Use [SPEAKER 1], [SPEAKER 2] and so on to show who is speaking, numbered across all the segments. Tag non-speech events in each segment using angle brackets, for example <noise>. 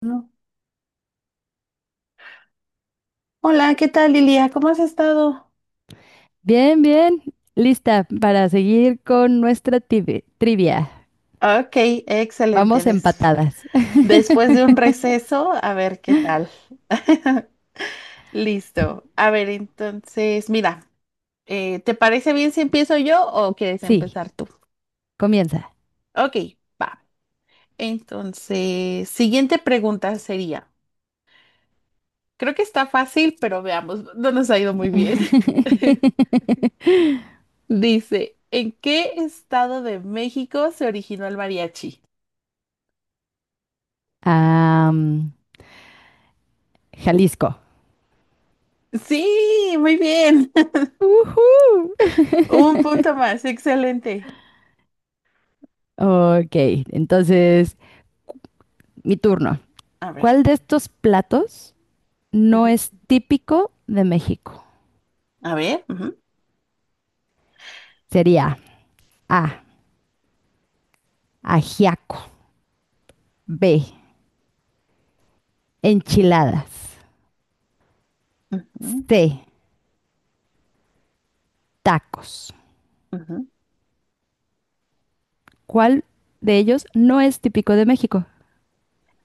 [SPEAKER 1] No. Hola, ¿qué tal, Lilia? ¿Cómo has estado?
[SPEAKER 2] Bien, bien. Lista para seguir con nuestra trivia.
[SPEAKER 1] Ok, excelente.
[SPEAKER 2] Vamos empatadas. <laughs>
[SPEAKER 1] Después de un receso, a ver qué tal. <laughs> Listo. A ver, entonces, mira, ¿te parece bien si empiezo yo o quieres
[SPEAKER 2] Sí,
[SPEAKER 1] empezar tú?
[SPEAKER 2] comienza.
[SPEAKER 1] Ok, va. Entonces, siguiente pregunta sería, creo que está fácil, pero veamos, no nos ha ido muy bien. <laughs>
[SPEAKER 2] <laughs>
[SPEAKER 1] Dice, ¿en qué estado de México se originó el mariachi?
[SPEAKER 2] Am, Jalisco.
[SPEAKER 1] Sí, muy bien.
[SPEAKER 2] Ujú.
[SPEAKER 1] Un punto
[SPEAKER 2] <laughs>
[SPEAKER 1] más, excelente.
[SPEAKER 2] Ok, entonces mi turno.
[SPEAKER 1] A ver,
[SPEAKER 2] ¿Cuál de estos platos no
[SPEAKER 1] ujú,
[SPEAKER 2] es típico de México?
[SPEAKER 1] a ver. Ujú,
[SPEAKER 2] Sería A, ajiaco, B, enchiladas,
[SPEAKER 1] ujú,
[SPEAKER 2] C, tacos.
[SPEAKER 1] ujú.
[SPEAKER 2] ¿Cuál de ellos no es típico de México?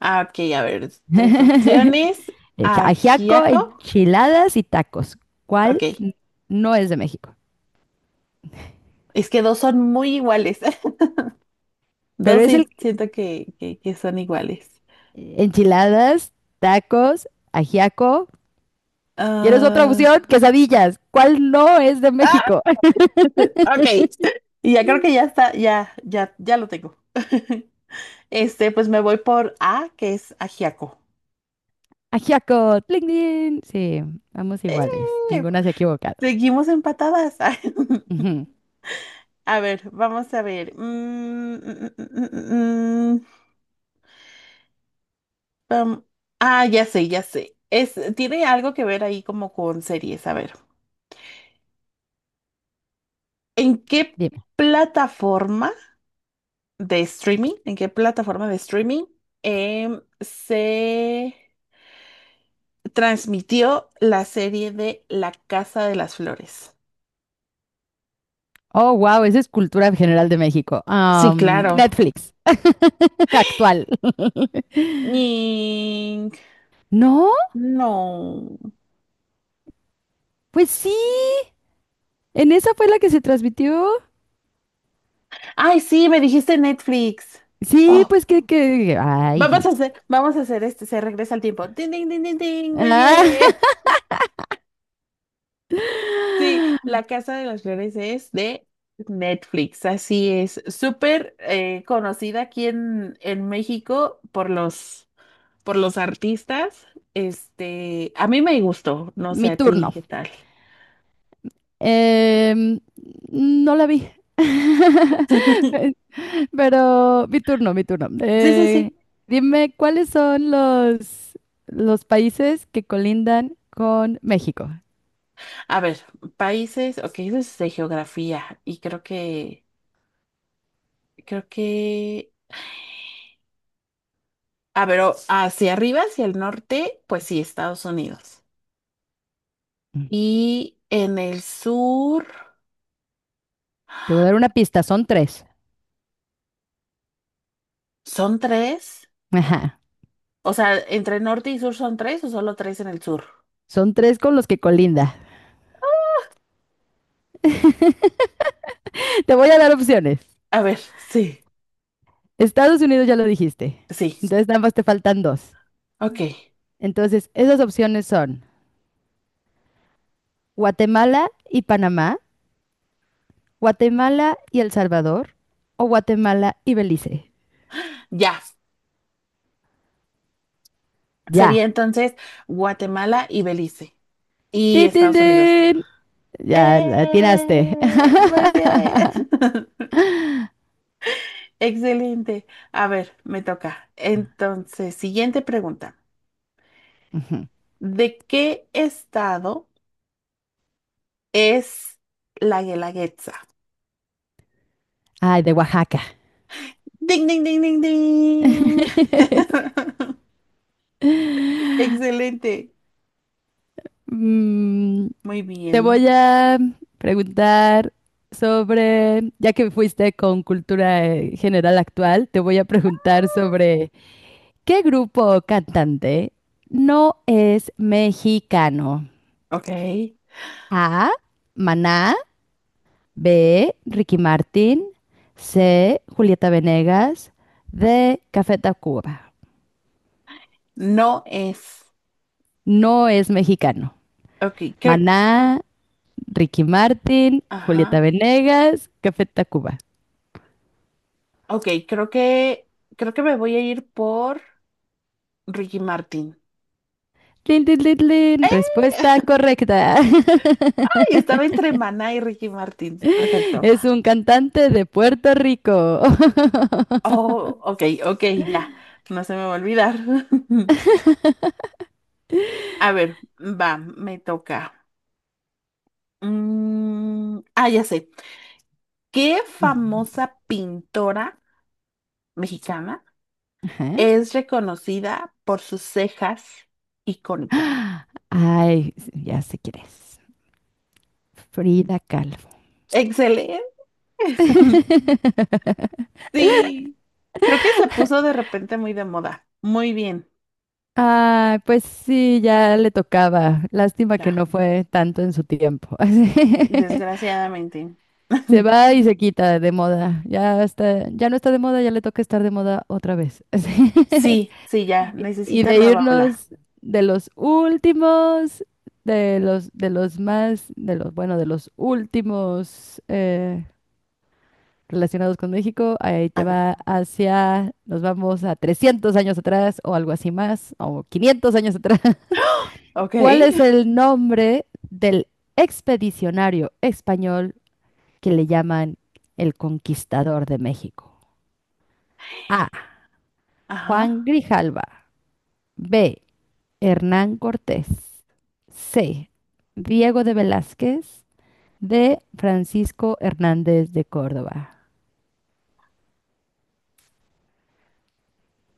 [SPEAKER 1] Ah, ok, a ver, tres opciones.
[SPEAKER 2] El ajiaco,
[SPEAKER 1] Ajiaco.
[SPEAKER 2] enchiladas y tacos.
[SPEAKER 1] Ok,
[SPEAKER 2] ¿Cuál n- no es de México?
[SPEAKER 1] es que dos son muy iguales. <laughs>
[SPEAKER 2] Pero
[SPEAKER 1] Dos
[SPEAKER 2] es
[SPEAKER 1] sí
[SPEAKER 2] el
[SPEAKER 1] siento que son iguales.
[SPEAKER 2] enchiladas, tacos, ajiaco. ¿Quieres otra
[SPEAKER 1] Ah,
[SPEAKER 2] opción? Quesadillas. ¿Cuál no es de
[SPEAKER 1] ah,
[SPEAKER 2] México? <laughs>
[SPEAKER 1] <laughs> ok, y ya creo que ya está, ya lo tengo. <laughs> Este, pues me voy por A, que es ajiaco.
[SPEAKER 2] Ajiaco, tling, tling. Sí, vamos
[SPEAKER 1] ¡Eh!
[SPEAKER 2] iguales. Ninguna se ha equivocado.
[SPEAKER 1] Seguimos empatadas. <laughs>
[SPEAKER 2] Ujú.
[SPEAKER 1] A ver, vamos a ver. Mm, mm, pam. Ah, ya sé, ya sé. Es, tiene algo que ver ahí como con series. A ver, ¿en qué
[SPEAKER 2] Dime.
[SPEAKER 1] plataforma de streaming, en qué plataforma de streaming se transmitió la serie de La Casa de las Flores?
[SPEAKER 2] Oh, wow, esa es cultura general de México.
[SPEAKER 1] Sí, claro.
[SPEAKER 2] Netflix. <laughs> Actual.
[SPEAKER 1] Ning.
[SPEAKER 2] ¿No?
[SPEAKER 1] No.
[SPEAKER 2] Pues sí. En esa fue la que se transmitió.
[SPEAKER 1] Ay, sí, me dijiste Netflix.
[SPEAKER 2] Sí,
[SPEAKER 1] Oh,
[SPEAKER 2] pues
[SPEAKER 1] vamos
[SPEAKER 2] ay.
[SPEAKER 1] a hacer, vamos a hacer este, se regresa al tiempo. Ding, ding, ding, ding, ding, muy
[SPEAKER 2] Ah,
[SPEAKER 1] bien.
[SPEAKER 2] <laughs>
[SPEAKER 1] <laughs> Sí, La Casa de las Flores es de Netflix, así es. Súper conocida aquí en México por los artistas. Este, a mí me gustó, no sé
[SPEAKER 2] mi
[SPEAKER 1] a ti
[SPEAKER 2] turno.
[SPEAKER 1] qué tal.
[SPEAKER 2] Em, no la vi.
[SPEAKER 1] <laughs>
[SPEAKER 2] <laughs> Pero mi turno, mi turno.
[SPEAKER 1] Sí, sí, sí.
[SPEAKER 2] Dime cuáles son los países que colindan con México.
[SPEAKER 1] A ver, países, ok, eso es de geografía y creo que, a ver, hacia arriba, hacia el norte, pues sí, Estados Unidos.
[SPEAKER 2] Mm.
[SPEAKER 1] Y en el sur
[SPEAKER 2] Te voy a dar una pista, son tres.
[SPEAKER 1] son tres.
[SPEAKER 2] Ajá.
[SPEAKER 1] O sea, entre norte y sur son tres o solo tres en el sur.
[SPEAKER 2] Son tres con los que colinda. <laughs> Te voy a dar opciones.
[SPEAKER 1] A ver, <laughs> sí,
[SPEAKER 2] Estados Unidos ya lo dijiste.
[SPEAKER 1] sí.
[SPEAKER 2] Entonces nada más te faltan dos.
[SPEAKER 1] Ok,
[SPEAKER 2] Entonces, esas opciones son Guatemala y Panamá, Guatemala y El Salvador o Guatemala y Belice.
[SPEAKER 1] ya. Sería
[SPEAKER 2] Ya.
[SPEAKER 1] entonces Guatemala y Belice y
[SPEAKER 2] ¡Tin, tin,
[SPEAKER 1] Estados Unidos.
[SPEAKER 2] tin! Ya la atinaste.
[SPEAKER 1] ¡Eh!
[SPEAKER 2] <laughs>
[SPEAKER 1] Muy bien. <laughs> Excelente. A ver, me toca. Entonces, siguiente pregunta.
[SPEAKER 2] Ujú.
[SPEAKER 1] ¿De qué estado es la Guelaguetza?
[SPEAKER 2] Ay, de Oaxaca.
[SPEAKER 1] Ding, ding, ding, ding, ding.
[SPEAKER 2] <laughs>
[SPEAKER 1] <laughs> Excelente.
[SPEAKER 2] Mm,
[SPEAKER 1] Muy
[SPEAKER 2] te
[SPEAKER 1] bien.
[SPEAKER 2] voy a preguntar sobre, ya que fuiste con cultura general actual, te voy a preguntar sobre ¿qué grupo o cantante no es mexicano?
[SPEAKER 1] Ok.
[SPEAKER 2] A, Maná, B, Ricky Martin, C, Julieta Venegas, D, Café Tacuba.
[SPEAKER 1] No es.
[SPEAKER 2] No es mexicano.
[SPEAKER 1] Ok, creo.
[SPEAKER 2] Maná, Ricky Martin, Julieta
[SPEAKER 1] Ajá.
[SPEAKER 2] Venegas, Café Tacuba.
[SPEAKER 1] Ok, creo que. Creo que me voy a ir por Ricky Martin.
[SPEAKER 2] Tin, tin, tin, tin. Respuesta correcta. <laughs>
[SPEAKER 1] ¡Ay! Estaba entre Maná y Ricky Martin. Perfecto.
[SPEAKER 2] Es un cantante de Puerto Rico. <laughs>
[SPEAKER 1] Oh, ok, ok, ya. No se me va a olvidar. <laughs> A ver, va, me toca. Mm, ah, ya sé. ¿Qué famosa pintora mexicana?
[SPEAKER 2] Ajá.
[SPEAKER 1] Es reconocida por sus cejas icónicas.
[SPEAKER 2] Ay, ya sé quién es. Frida Kahlo.
[SPEAKER 1] Excelente. <laughs>
[SPEAKER 2] <laughs>
[SPEAKER 1] Sí. Creo que se puso de repente muy de moda. Muy bien.
[SPEAKER 2] Ah, pues sí, ya le tocaba. Lástima que
[SPEAKER 1] Ya.
[SPEAKER 2] no fue tanto en su tiempo. <laughs> Así.
[SPEAKER 1] Desgraciadamente.
[SPEAKER 2] Se
[SPEAKER 1] <laughs>
[SPEAKER 2] va y se quita de moda. Ya está, ya no está de moda, ya le toca estar de moda otra vez. <laughs> Así.
[SPEAKER 1] Sí, sí, ya.
[SPEAKER 2] Y
[SPEAKER 1] Necesita
[SPEAKER 2] de
[SPEAKER 1] nueva habla.
[SPEAKER 2] irnos de los últimos, de los más, de los, bueno, de los últimos relacionados con México, ahí
[SPEAKER 1] A
[SPEAKER 2] te
[SPEAKER 1] ver.
[SPEAKER 2] va hacia, nos vamos a 300 años atrás o algo así más, o 500 años atrás.
[SPEAKER 1] Ok.
[SPEAKER 2] ¿Cuál es el nombre del expedicionario español que le llaman el conquistador de México? A. Juan
[SPEAKER 1] Ajá.
[SPEAKER 2] Grijalva. B. Hernán Cortés. C. Diego de Velázquez. D. Francisco Hernández de Córdoba.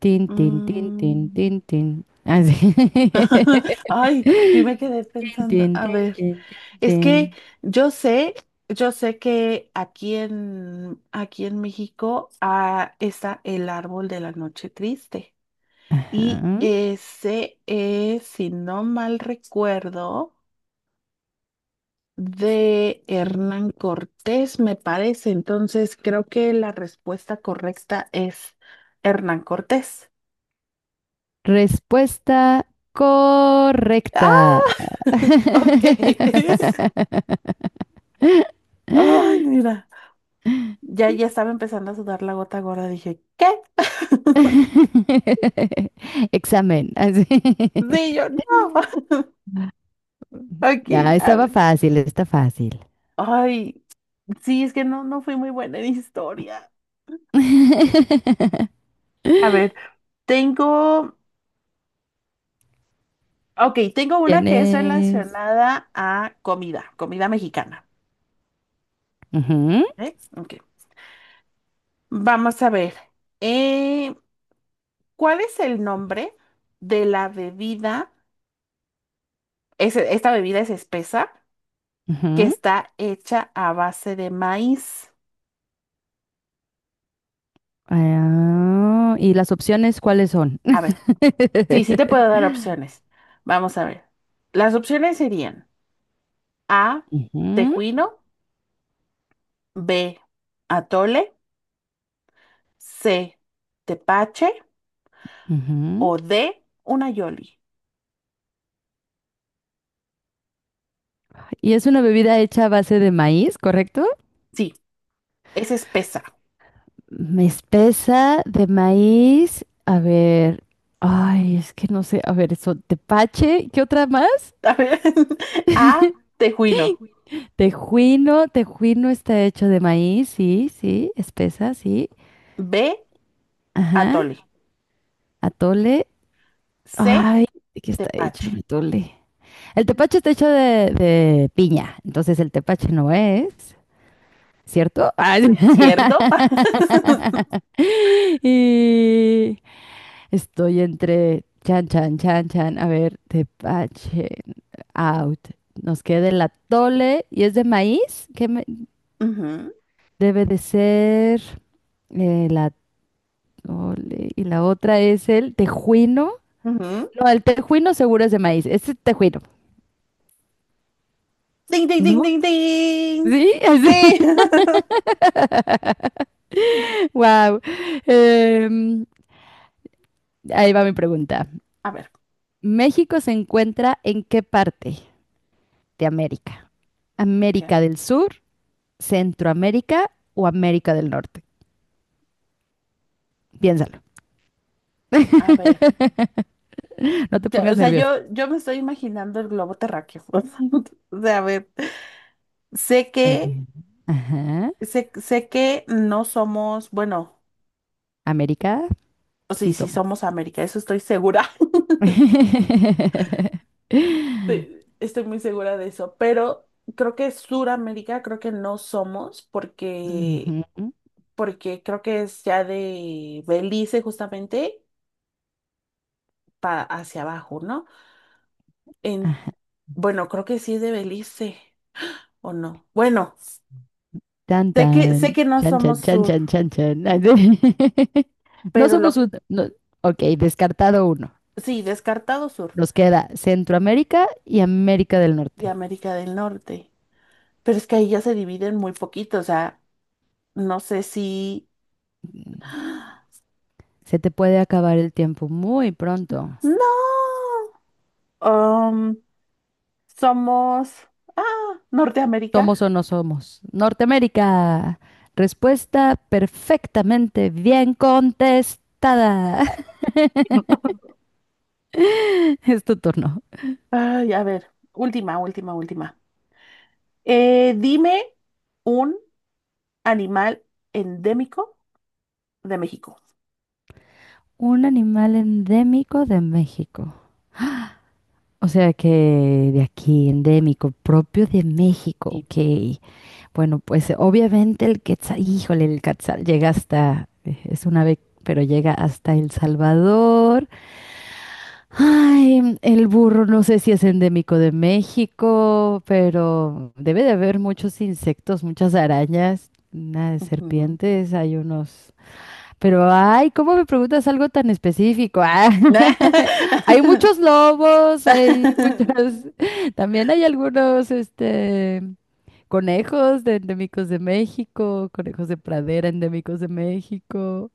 [SPEAKER 2] Tin, tin, tin, tin, tin,
[SPEAKER 1] Mm.
[SPEAKER 2] tin. Así. <laughs>
[SPEAKER 1] <laughs> Ay, sí me quedé
[SPEAKER 2] Tin,
[SPEAKER 1] pensando.
[SPEAKER 2] tin,
[SPEAKER 1] A
[SPEAKER 2] tin,
[SPEAKER 1] ver.
[SPEAKER 2] tin, tin,
[SPEAKER 1] Es
[SPEAKER 2] tin.
[SPEAKER 1] que yo sé, yo sé que aquí en, aquí en México está el árbol de la noche triste. Y
[SPEAKER 2] Ajá.
[SPEAKER 1] ese es, si no mal recuerdo, de Hernán Cortés, me parece. Entonces creo que la respuesta correcta es Hernán Cortés.
[SPEAKER 2] Respuesta
[SPEAKER 1] ¡Ah!
[SPEAKER 2] correcta.
[SPEAKER 1] <laughs> Ok. <laughs>
[SPEAKER 2] <laughs>
[SPEAKER 1] Ay, mira. Ya, ya estaba empezando a sudar la gota gorda. Dije, ¿qué? <laughs>
[SPEAKER 2] Examen. Así.
[SPEAKER 1] Sí, yo no. <laughs>
[SPEAKER 2] Ya,
[SPEAKER 1] Ok, a
[SPEAKER 2] estaba
[SPEAKER 1] ver.
[SPEAKER 2] fácil, está fácil.
[SPEAKER 1] Ay, sí, es que no, no fui muy buena en historia.
[SPEAKER 2] <laughs>
[SPEAKER 1] A ver, tengo, ok, tengo una que es
[SPEAKER 2] Tienes.
[SPEAKER 1] relacionada a comida, comida mexicana.
[SPEAKER 2] Ujú,
[SPEAKER 1] ¿Eh? Ok, vamos a ver. Eh, ¿Cuál es el nombre de la bebida? Esta bebida es espesa que
[SPEAKER 2] ujú.
[SPEAKER 1] está hecha a base de maíz.
[SPEAKER 2] Ah, ¿y las opciones cuáles son?
[SPEAKER 1] A ver, sí, sí te puedo
[SPEAKER 2] <laughs>
[SPEAKER 1] dar opciones. Vamos a ver. Las opciones serían... A,
[SPEAKER 2] Ujú,
[SPEAKER 1] tejuino, B, atole, C, tepache o
[SPEAKER 2] ujú.
[SPEAKER 1] D, una yoli.
[SPEAKER 2] Y es una bebida hecha a base de maíz, ¿correcto?
[SPEAKER 1] Sí, es espesa.
[SPEAKER 2] Me espesa de maíz. A ver. Ay, es que no sé. A ver, eso. Tepache. ¿Qué otra más?
[SPEAKER 1] <laughs> A ver, A, tejuino,
[SPEAKER 2] Tejuino. Tejuino está hecho de maíz. Sí, sí. Espesa, sí.
[SPEAKER 1] B,
[SPEAKER 2] Ajá.
[SPEAKER 1] atole,
[SPEAKER 2] Atole.
[SPEAKER 1] C,
[SPEAKER 2] Ay, ¿de qué está hecho
[SPEAKER 1] tepache.
[SPEAKER 2] el atole? El tepache está hecho de piña. Entonces el tepache no es. ¿Cierto? Ay.
[SPEAKER 1] ¿Cierto? <laughs>
[SPEAKER 2] <laughs> Y. Estoy entre chan, chan, chan, chan. A ver, tepache, out. Nos queda el atole y es de maíz. ¿Qué me- debe de ser? El atole. Y la otra es el tejuino.
[SPEAKER 1] Ujú, ujú.
[SPEAKER 2] No, el tejuino seguro es de maíz. Este es tejuino,
[SPEAKER 1] Ding, ding, ding,
[SPEAKER 2] ¿no?
[SPEAKER 1] ding, ding.
[SPEAKER 2] Sí, <laughs> así.
[SPEAKER 1] Sí. <laughs>
[SPEAKER 2] Wow. Ahí va mi pregunta.
[SPEAKER 1] A ver,
[SPEAKER 2] ¿México se encuentra en qué parte de América?
[SPEAKER 1] ok,
[SPEAKER 2] ¿América del Sur, Centroamérica o América del Norte? Piénsalo.
[SPEAKER 1] a ver.
[SPEAKER 2] <laughs> no te pongas
[SPEAKER 1] O sea,
[SPEAKER 2] nervioso.
[SPEAKER 1] yo me estoy imaginando el globo terráqueo. <laughs> O sea, a ver. Sé que
[SPEAKER 2] A ver. Ajá.
[SPEAKER 1] sé, sé que no somos, bueno,
[SPEAKER 2] América,
[SPEAKER 1] o
[SPEAKER 2] sí
[SPEAKER 1] sí, sí
[SPEAKER 2] somos.
[SPEAKER 1] somos América, eso estoy segura. <laughs>
[SPEAKER 2] <laughs>
[SPEAKER 1] Sí, estoy muy segura de eso, pero creo que Suramérica creo que no somos porque,
[SPEAKER 2] Ujú.
[SPEAKER 1] porque creo que es ya de Belice justamente para hacia abajo, ¿no? En,
[SPEAKER 2] Ajá.
[SPEAKER 1] bueno, creo que sí es de Belice, ¿o no? Bueno,
[SPEAKER 2] Tan,
[SPEAKER 1] sé
[SPEAKER 2] tan.
[SPEAKER 1] que no
[SPEAKER 2] Chan,
[SPEAKER 1] somos
[SPEAKER 2] chan, chan,
[SPEAKER 1] sur,
[SPEAKER 2] chan, chan, chan. <laughs> No
[SPEAKER 1] pero
[SPEAKER 2] somos
[SPEAKER 1] lo,
[SPEAKER 2] un... no. Ok, descartado uno.
[SPEAKER 1] sí, descartado sur
[SPEAKER 2] Nos queda Centroamérica y América del
[SPEAKER 1] y
[SPEAKER 2] Norte.
[SPEAKER 1] América del Norte. Pero es que ahí ya se dividen muy poquito, o sea. No sé si...
[SPEAKER 2] Se te puede acabar el tiempo muy pronto.
[SPEAKER 1] No. Um, somos... Ah, Norteamérica.
[SPEAKER 2] ¿Somos o no somos? Norteamérica. Respuesta perfectamente bien contestada.
[SPEAKER 1] No.
[SPEAKER 2] <laughs> Es tu turno.
[SPEAKER 1] Ay, a ver, última, última, última. Dime un animal endémico de México.
[SPEAKER 2] Un animal endémico de México. O sea que de aquí, endémico, propio de México,
[SPEAKER 1] Sí.
[SPEAKER 2] ok. Bueno, pues obviamente el quetzal, híjole, el quetzal llega hasta, es un ave, pero llega hasta El Salvador. Ay, el burro no sé si es endémico de México, pero debe de haber muchos insectos, muchas arañas, una de
[SPEAKER 1] Ujú.
[SPEAKER 2] serpientes, hay unos. Pero, ay, ¿cómo me preguntas algo tan específico? Ah, <laughs>
[SPEAKER 1] <laughs>
[SPEAKER 2] hay muchos lobos, hay muchas. <laughs> También hay algunos, conejos de endémicos de México, conejos de pradera endémicos de México.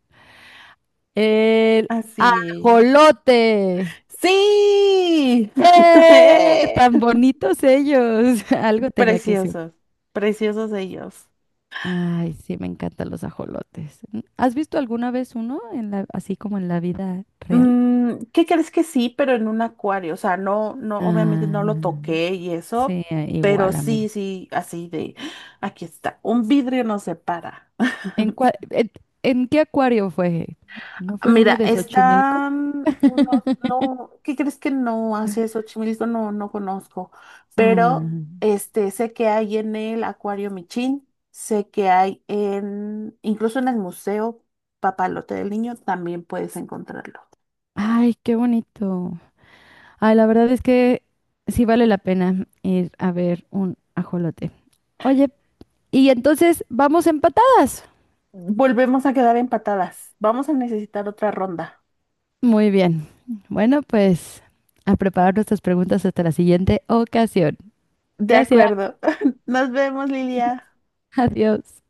[SPEAKER 2] El
[SPEAKER 1] Así es.
[SPEAKER 2] ajolote.
[SPEAKER 1] ¡Sí!
[SPEAKER 2] ¡Eh! Tan bonitos ellos. <laughs> Algo
[SPEAKER 1] <laughs>
[SPEAKER 2] tenía que decir.
[SPEAKER 1] Preciosos, preciosos ellos.
[SPEAKER 2] Ay, sí, me encantan los ajolotes. Mm, ¿has visto alguna vez uno en la, así como en la vida real?
[SPEAKER 1] Mm, ¿qué crees que sí, pero en un acuario? O sea, no, no, obviamente no lo
[SPEAKER 2] Ah,
[SPEAKER 1] toqué y eso,
[SPEAKER 2] sí,
[SPEAKER 1] pero
[SPEAKER 2] igual a
[SPEAKER 1] sí,
[SPEAKER 2] mí.
[SPEAKER 1] sí, así de, ¡ah! Aquí está, un vidrio nos separa.
[SPEAKER 2] ¿En, cua- en, en qué acuario fue? ¿No
[SPEAKER 1] <laughs>
[SPEAKER 2] fue en
[SPEAKER 1] Mira,
[SPEAKER 2] uno de Xochimilco?
[SPEAKER 1] están unos,
[SPEAKER 2] <laughs>
[SPEAKER 1] no, ¿qué crees que no hace Xochimilco? No, no conozco,
[SPEAKER 2] Ah,
[SPEAKER 1] pero este, sé que hay en el Acuario Michín, sé que hay en, incluso en el Museo Papalote del Niño también puedes encontrarlo.
[SPEAKER 2] ay, qué bonito. Ay, la verdad es que sí vale la pena ir a ver un ajolote. Oye, y entonces vamos empatadas.
[SPEAKER 1] Volvemos a quedar empatadas. Vamos a necesitar otra ronda.
[SPEAKER 2] Muy bien. Bueno, pues a preparar nuestras preguntas hasta la siguiente ocasión.
[SPEAKER 1] De
[SPEAKER 2] Gracias.
[SPEAKER 1] acuerdo. <laughs> Nos vemos, Lilia.
[SPEAKER 2] Adiós.